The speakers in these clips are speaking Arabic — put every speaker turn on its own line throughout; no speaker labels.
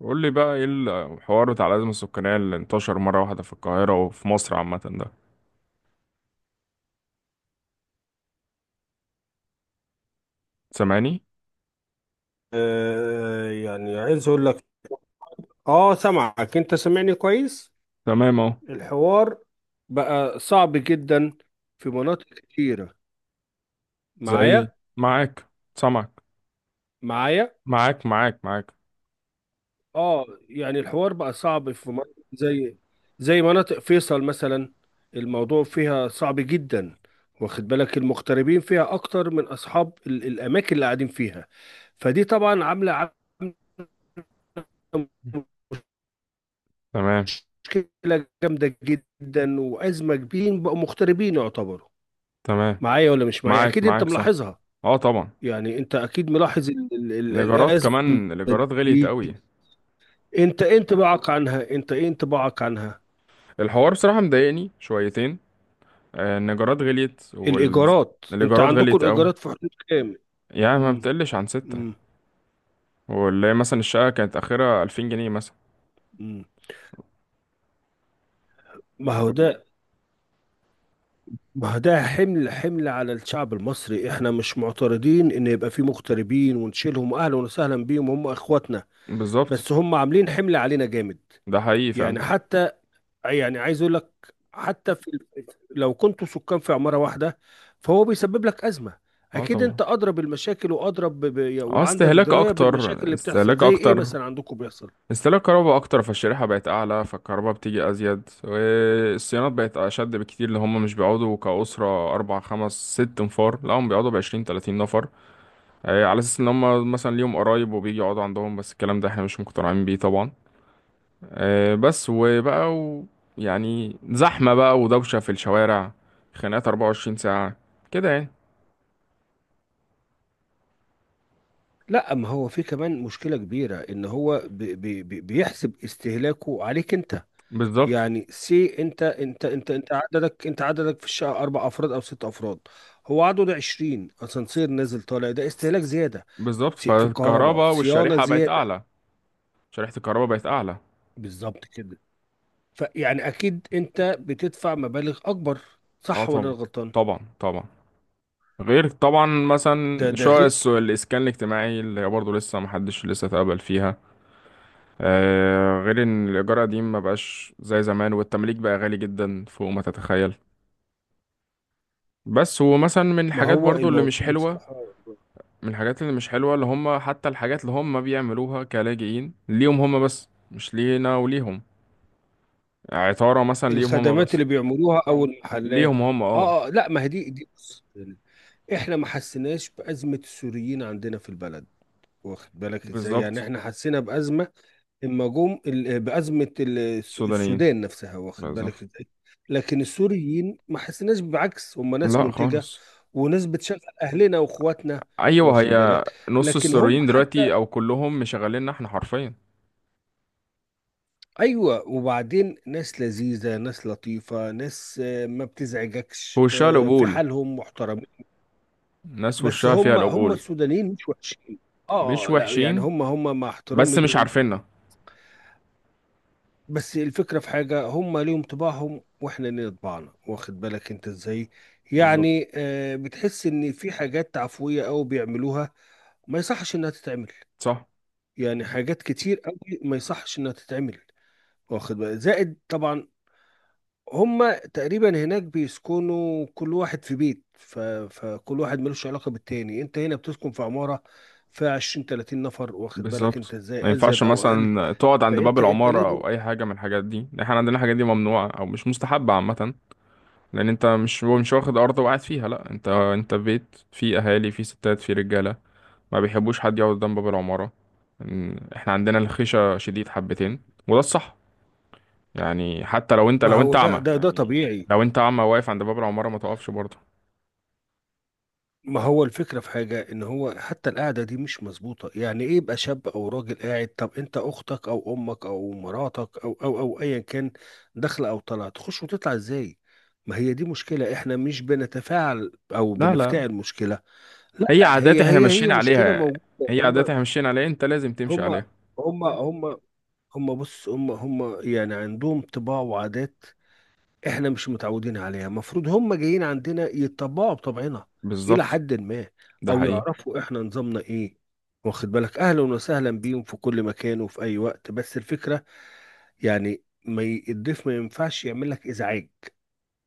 قول لي بقى ايه الحوار بتاع الأزمة السكانية اللي انتشر مرة واحدة في القاهرة وفي مصر عامة ده. سامعني؟
آه، يعني عايز اقول لك، اه سامعك، انت سامعني كويس؟
تمام اهو.
الحوار بقى صعب جدا في مناطق كتيرة،
زي
معايا؟
معاك سامعك.
معايا
معاك معاك معاك.
اه، يعني الحوار بقى صعب في مناطق زي مناطق فيصل مثلا. الموضوع فيها صعب جدا. واخد بالك، المغتربين فيها اكتر من اصحاب الاماكن اللي قاعدين فيها. فدي طبعا عاملة
تمام
مشكلة جامدة جدا وأزمة كبيرة، بقوا مغتربين يعتبروا.
تمام.
معايا ولا مش معايا؟
معاك
اكيد انت
معاك صح.
ملاحظها.
اه طبعا.
يعني انت اكيد ملاحظ
الإيجارات
الازمه
كمان، الإيجارات غليت
دي.
قوي.
انت ايه انطباعك عنها؟
الحوار بصراحة مضايقني شويتين. إن الإيجارات غليت،
الايجارات، انت
والإيجارات
عندكم
غليت قوي.
الايجارات في حدود كام؟
يعني ما
مم.
بتقلش عن ستة.
مم.
واللي هي مثلا الشقة كانت آخرها 2000 جنيه مثلا.
مم. ما هو ده ما هو ده حمل على الشعب المصري. احنا مش معترضين ان يبقى في مغتربين ونشيلهم، اهلا وسهلا بيهم، هم اخواتنا.
بالظبط.
بس هم عاملين حمل علينا جامد.
ده حقيقي فعلا.
يعني حتى يعني عايز اقول لك، حتى لو كنتوا سكان في عمارة واحدة، فهو بيسبب لك أزمة.
اه
اكيد
طبعا.
انت ادرى بالمشاكل وادرى
اه،
وعندك
استهلاك
دراية
اكتر،
بالمشاكل اللي بتحصل.
استهلاك
زي ايه
اكتر.
مثلا عندكم بيحصل؟
استهلاك كهرباء اكتر، فالشريحه بقت اعلى، فالكهرباء بتيجي ازيد، والصيانات بقت اشد بكتير اللي هم مش بيقعدوا كاسره اربع خمس ست نفار، لا هم بيقعدوا ب20 30 نفر. على اساس ان هم مثلا ليهم قرايب وبيجي يقعدوا عندهم، بس الكلام ده احنا مش مقتنعين بيه طبعا. بس وبقى. يعني زحمه بقى ودوشه في الشوارع، خناقات 24 ساعه كده يعني.
لا، ما هو في كمان مشكلة كبيرة، ان هو بيحسب استهلاكه عليك انت.
بالظبط
يعني انت، عددك في الشقة 4 افراد او 6 افراد، هو عدده 20، اسانسير نازل طالع، ده استهلاك زيادة.
بالظبط.
في الكهرباء
فالكهرباء
صيانة
والشريحه بقت
زيادة.
اعلى، شريحه الكهرباء بقت اعلى.
بالظبط كده. فيعني اكيد انت بتدفع مبالغ اكبر،
اه
صح ولا
طبعا.
أنا غلطان؟
طبعا طبعا. غير طبعا
ده
مثلا
ده
شوية
غير.
الإسكان الاجتماعي اللي هي برضه لسه محدش لسه اتقبل فيها. آه غير إن الإيجار قديم مبقاش زي زمان، والتمليك بقى غالي جدا فوق ما تتخيل. بس ومثلا من
ما
الحاجات
هو
برضه اللي
الموضوع
مش حلوة،
بصراحة.
من الحاجات اللي مش حلوة اللي هم حتى الحاجات اللي هم بيعملوها كلاجئين ليهم هم بس، مش لينا وليهم. عطارة مثلا ليهم هم
الخدمات
بس.
اللي بيعملوها او
ليهم
المحلات؟
هم اه.
اه آه، لا، ما هي دي، بص، احنا ما حسيناش بأزمة السوريين عندنا في البلد. واخد بالك ازاي؟ يعني
بالظبط.
احنا حسينا بأزمة المجوم ال- بأزمة ال- الس-
السودانيين
السودان نفسها، واخد بالك
بالظبط.
ازاي. لكن السوريين ما حسيناش، بعكس، هم ناس
لا
منتجة
خالص.
وناس بتشغل أهلنا وإخواتنا،
ايوه
واخد
هي.
بالك.
نص
لكن هم
السوريين
حتى،
دلوقتي او كلهم مشغليننا احنا حرفيا.
أيوة، وبعدين ناس لذيذة، ناس لطيفة، ناس، ما
هو
بتزعجكش،
وشها
في
القبول،
حالهم محترمين.
ناس
بس
وشها فيها
هم
القبول.
السودانيين مش وحشين.
مش
اه، لا يعني
وحشين،
هم مع
بس
احترامي
مش
لهم،
عارفيننا.
بس الفكرة في حاجة، هم ليهم طباعهم واحنا لينا طباعنا، واخد بالك انت ازاي.
بالظبط
يعني بتحس ان في حاجات عفوية قوي بيعملوها ما يصحش انها تتعمل،
صح.
يعني حاجات كتير قوي ما يصحش انها تتعمل، واخد بالك. زائد طبعا هم تقريبا هناك بيسكنوا كل واحد في بيت، فكل واحد ملوش علاقة بالتاني. انت هنا بتسكن في عمارة فيها 20 30 نفر، واخد بالك
بالظبط.
انت
ما
ازاي،
ينفعش
ازيد او اقل.
مثلا تقعد عند باب
فانت
العمارة
لازم.
او اي حاجة من الحاجات دي، احنا عندنا الحاجات دي ممنوعة او مش مستحبة عامة. لان انت مش واخد ارض وقاعد فيها، لا انت في بيت فيه اهالي فيه ستات فيه رجالة. ما بيحبوش حد يقعد قدام باب العمارة. احنا عندنا الخشة شديد حبتين، وده الصح. يعني حتى لو انت
ما
لو انت
هو ده
اعمى،
ده طبيعي.
لو انت اعمى واقف عند باب العمارة ما تقفش برضه.
ما هو الفكرة في حاجة، إن هو حتى القعدة دي مش مظبوطة، يعني إيه يبقى شاب أو راجل قاعد؟ طب أنت، أختك أو أمك أو مراتك أو أيا كان، داخلة أو طالعة، تخش وتطلع إزاي؟ ما هي دي مشكلة، إحنا مش بنتفاعل أو
لا لا.
بنفتعل مشكلة. لا،
هي عادات
هي
احنا
هي هي
ماشيين
مشكلة
عليها.
موجودة.
هي عادات
هم
احنا ماشيين عليها، انت لازم تمشي
هم
عليها.
هم هم هم بص، هم يعني عندهم طباع وعادات، احنا مش متعودين عليها. المفروض هم جايين عندنا يتطبعوا بطبعنا الى
بالظبط.
حد ما،
ده
او
حقيقي.
يعرفوا احنا نظامنا ايه، واخد بالك. اهلا وسهلا بيهم في كل مكان وفي اي وقت، بس الفكرة، يعني ما ي- الضيف ما ينفعش يعمل لك ازعاج،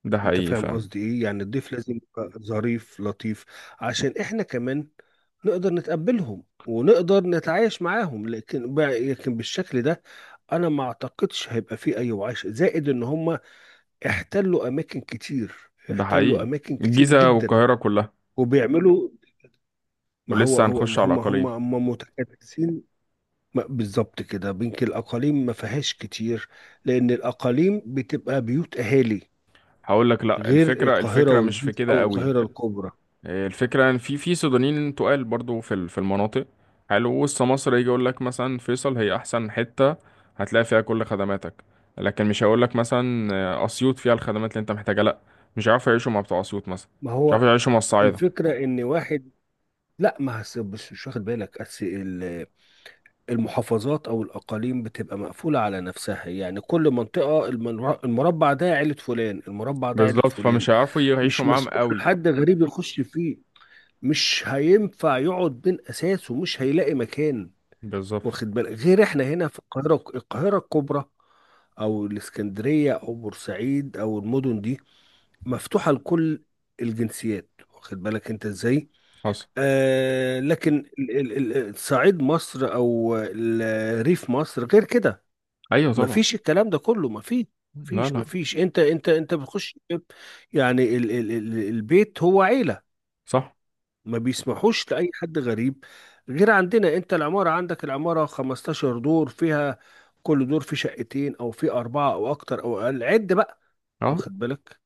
ده
انت
حقيقي
فاهم
فعلا.
قصدي ايه؟ يعني الضيف لازم يبقى ظريف لطيف عشان احنا كمان نقدر نتقبلهم ونقدر نتعايش معاهم. لكن بالشكل ده، انا ما اعتقدش هيبقى فيه اي وعيش، زائد ان هم احتلوا اماكن كتير،
ده
احتلوا
حقيقي.
اماكن كتير
الجيزة
جدا،
والقاهرة كلها.
وبيعملوا. ما هو
ولسه
هو
هنخش
ما
على
هم هم
الأقاليم.
هم متكدسين. بالظبط كده، بينك الاقاليم ما فيهاش كتير لان الاقاليم بتبقى بيوت اهالي،
هقول لك لا،
غير
الفكرة
القاهره
مش في
والجيزه
كده
او
قوي.
القاهره الكبرى.
الفكرة ان في سودانيين تقال برضو في في المناطق حلو وسط مصر. يجي يقول لك مثلا فيصل هي احسن حتة، هتلاقي فيها كل خدماتك. لكن مش هيقول لك مثلا اسيوط فيها الخدمات اللي انت محتاجها، لا. مش هيعرفوا يعيشوا مع بتوع اسيوط مثلا.
ما
مش
هو
هيعرفوا يعيشوا مع الصعايدة.
الفكره ان واحد، لا ما هس- بس، مش واخد بالك، المحافظات او الاقاليم بتبقى مقفوله على نفسها. يعني كل منطقه، المربع ده عيله فلان، المربع ده عيله
بالظبط،
فلان،
فمش هيعرفوا يعيشوا
مش
معاهم
مسموح
قوي.
لحد غريب يخش فيه، مش هينفع يقعد بين اساسه، مش هيلاقي مكان،
بالظبط.
واخد بالك. غير احنا هنا في القاهره، القاهره الكبرى، او الاسكندريه او بورسعيد او المدن دي، مفتوحه لكل الجنسيات، واخد بالك انت ازاي.
حصل.
آه، لكن صعيد مصر او ريف مصر غير كده،
ايوه طبعا.
مفيش الكلام ده كله، مفيش.
لا لا.
انت بتخش، يعني ال البيت هو عيلة،
صح.
ما بيسمحوش لأي حد غريب. غير عندنا، انت العمارة، العمارة 15 دور فيها، كل دور فيه شقتين او فيه أربعة او اكتر او اقل، عد بقى،
اه.
واخد بالك،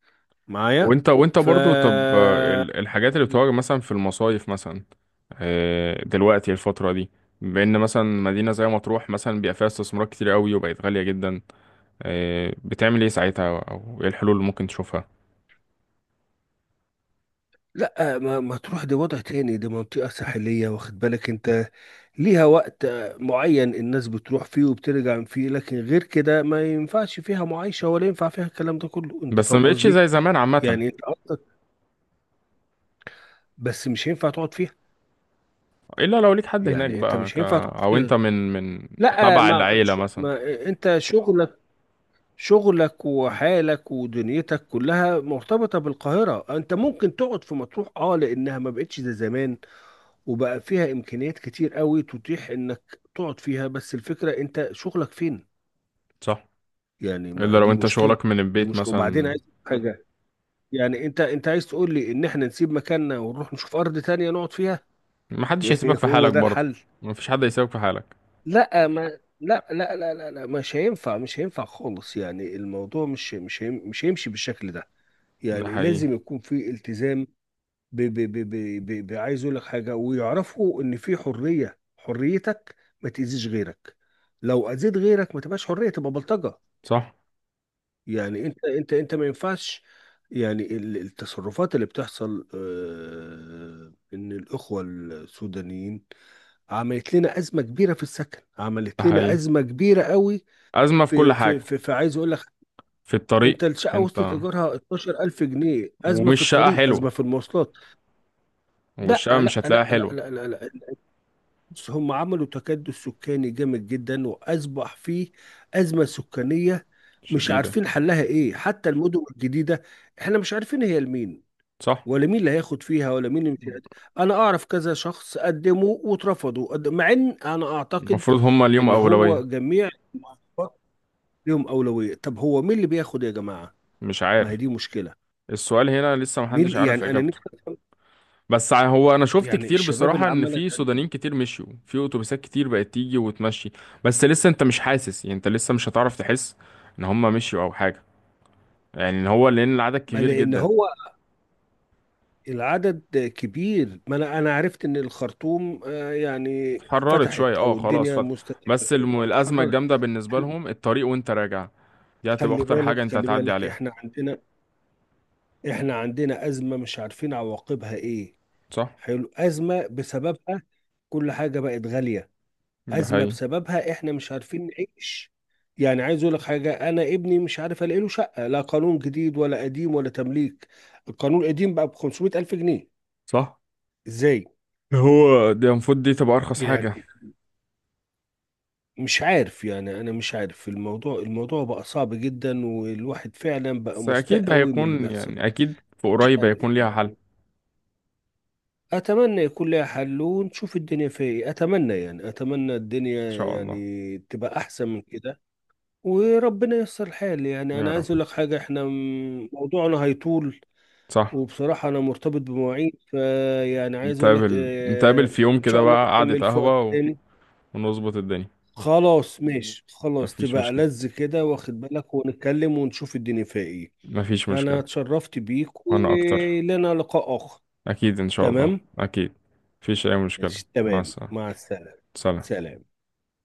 معايا؟
وانت
ف
برضو، طب الحاجات اللي بتواجه مثلا في المصايف مثلا، دلوقتي الفترة دي، بأن مثلا مدينة زي مطروح مثلا بيبقى فيها استثمارات كتير قوي وبقت غالية جدا. بتعمل ايه ساعتها، او ايه الحلول اللي ممكن تشوفها؟
لا، ما تروح، ده وضع تاني، دي منطقة ساحلية، واخد بالك انت، ليها وقت معين الناس بتروح فيه وبترجع فيه، لكن غير كده ما ينفعش فيها معايشة ولا ينفع فيها الكلام ده كله، انت
بس ما
فاهم
بقتش
قصدي.
زي زمان عامة.
يعني انت قصدك، بس مش هينفع تقعد فيها،
الا لو ليك حد هناك
يعني انت
بقى
مش
ك...
هينفع تقعد
او انت
فيها.
من
لا،
تبع العيلة مثلا.
ما انت شغلك شغلك وحالك ودنيتك كلها مرتبطة بالقاهرة. انت ممكن تقعد في مطروح، اه، لانها ما بقتش زي زمان وبقى فيها امكانيات كتير قوي تتيح انك تقعد فيها، بس الفكره، انت شغلك فين؟
صح.
يعني،
الا
ما
لو
دي
انت
مشكله.
شغلك من البيت
وبعدين
مثلا.
عايز حاجه، يعني انت عايز تقول لي ان احنا نسيب مكاننا ونروح نشوف ارض تانية نقعد فيها؟
ما حدش هيسيبك
يعني
في
هو
حالك
ده
برضه.
الحل؟
ما فيش حد هيسيبك في حالك.
لا ما لا لا لا لا، لا، مش هينفع، مش هينفع خالص، يعني الموضوع مش هيمشي بالشكل ده،
ده
يعني
حقيقي.
لازم يكون في التزام. ب ب ب ب ب ب عايز اقول لك حاجه، ويعرفوا ان في حريه، حريتك، ما تاذيش غيرك. لو اذيت غيرك ما تبقاش حريه، تبقى بلطجه.
صح.
يعني انت ما ينفعش. يعني التصرفات اللي بتحصل، ان الاخوه السودانيين عملت لنا ازمه كبيره في السكن،
ده
عملت لنا
حقيقي.
ازمه كبيره قوي.
أزمة في كل حاجة.
في، عايز اقول لك،
في الطريق
انت الشقه وصلت
انت.
ايجارها 12000 جنيه، ازمه
ومش
في
شقة
الطريق،
حلوة،
ازمه في المواصلات. لا
والشقة
لا
مش
لا
هتلاقيها
لا
حلوة.
لا لا، لا. بس هم عملوا تكدس سكاني جامد جدا، وأصبح فيه أزمة سكانية مش
شديدة.
عارفين حلها إيه. حتى المدن الجديدة إحنا مش عارفين هي لمين،
صح.
ولا مين اللي هياخد فيها، ولا مين اللي مش هيقدم. أنا أعرف كذا شخص قدموا واترفضوا، مع إن أنا أعتقد
المفروض هما اليوم
إن هو
أولوية.
جميع المحافظات ليهم أولوية. طب هو مين اللي بياخد يا جماعة؟
مش
ما هي
عارف.
دي مشكلة.
السؤال هنا لسه محدش
مين
عارف
يعني أنا
إجابته.
نكتب؟
بس هو أنا شفت
يعني
كتير
الشباب
بصراحة
اللي
إن
عمال
في
أتقدم.
سودانيين كتير مشيوا، في أتوبيسات كتير بقت تيجي وتمشي. بس لسه أنت مش حاسس، يعني أنت لسه مش هتعرف تحس إن هما مشيوا أو حاجة. يعني إن هو لأن العدد
ما
كبير
لأن
جدا.
هو العدد كبير، ما انا عرفت ان الخرطوم، يعني
اتحررت
فتحت،
شوية، أه
او
خلاص
الدنيا
فتح.
مستقبل،
بس الأزمة
اتحررت.
الجامدة بالنسبة لهم الطريق، وأنت راجع دي هتبقى
خلي
أخطر
بالك،
حاجة أنت
خلي
هتعدي
بالك،
عليها.
احنا عندنا، احنا عندنا ازمه مش عارفين عواقبها ايه.
صح.
حلو، ازمه بسببها كل حاجه بقت غاليه،
ده
ازمه
حقيقي.
بسببها احنا مش عارفين نعيش. يعني عايز اقول لك حاجه، انا ابني مش عارف الاقي له شقه، لا قانون جديد ولا قديم ولا تمليك. القانون القديم بقى ب 500 الف جنيه،
صح.
ازاي؟
هو دي المفروض دي تبقى أرخص
يعني
حاجة.
مش عارف، يعني انا مش عارف، الموضوع بقى صعب جدا، والواحد فعلا بقى
بس
مستاء
أكيد
قوي من اللي
هيكون،
بيحصل.
يعني أكيد في
مش
قريب هيكون
عارف
ليها حل إن
يعني، اتمنى يكون لها حل ونشوف الدنيا فيها ايه. اتمنى يعني، الدنيا
شاء الله.
يعني تبقى احسن من كده، وربنا ييسر الحال. يعني
يا
انا عايز
رب.
اقول لك حاجه، احنا موضوعنا هيطول،
صح.
وبصراحه انا مرتبط بمواعيد، فيعني عايز اقول لك،
نتقابل نتقابل في يوم
ان
كده
شاء الله
بقى قعدة
نكمل في وقت
قهوة
تاني.
ونظبط الدنيا.
خلاص ماشي، خلاص،
مفيش
تبقى
مشكلة.
لذ كده، واخد بالك، ونتكلم ونشوف الدنيا فيها ايه.
مفيش
انا
مشكلة.
اتشرفت بيك،
وأنا أكتر.
ولنا لقاء اخر.
أكيد إن شاء الله
تمام،
أكيد. مفيش أي مشكلة،
ماشي،
مع
تمام،
السلامة.
مع السلامة.
سلام.
سلام.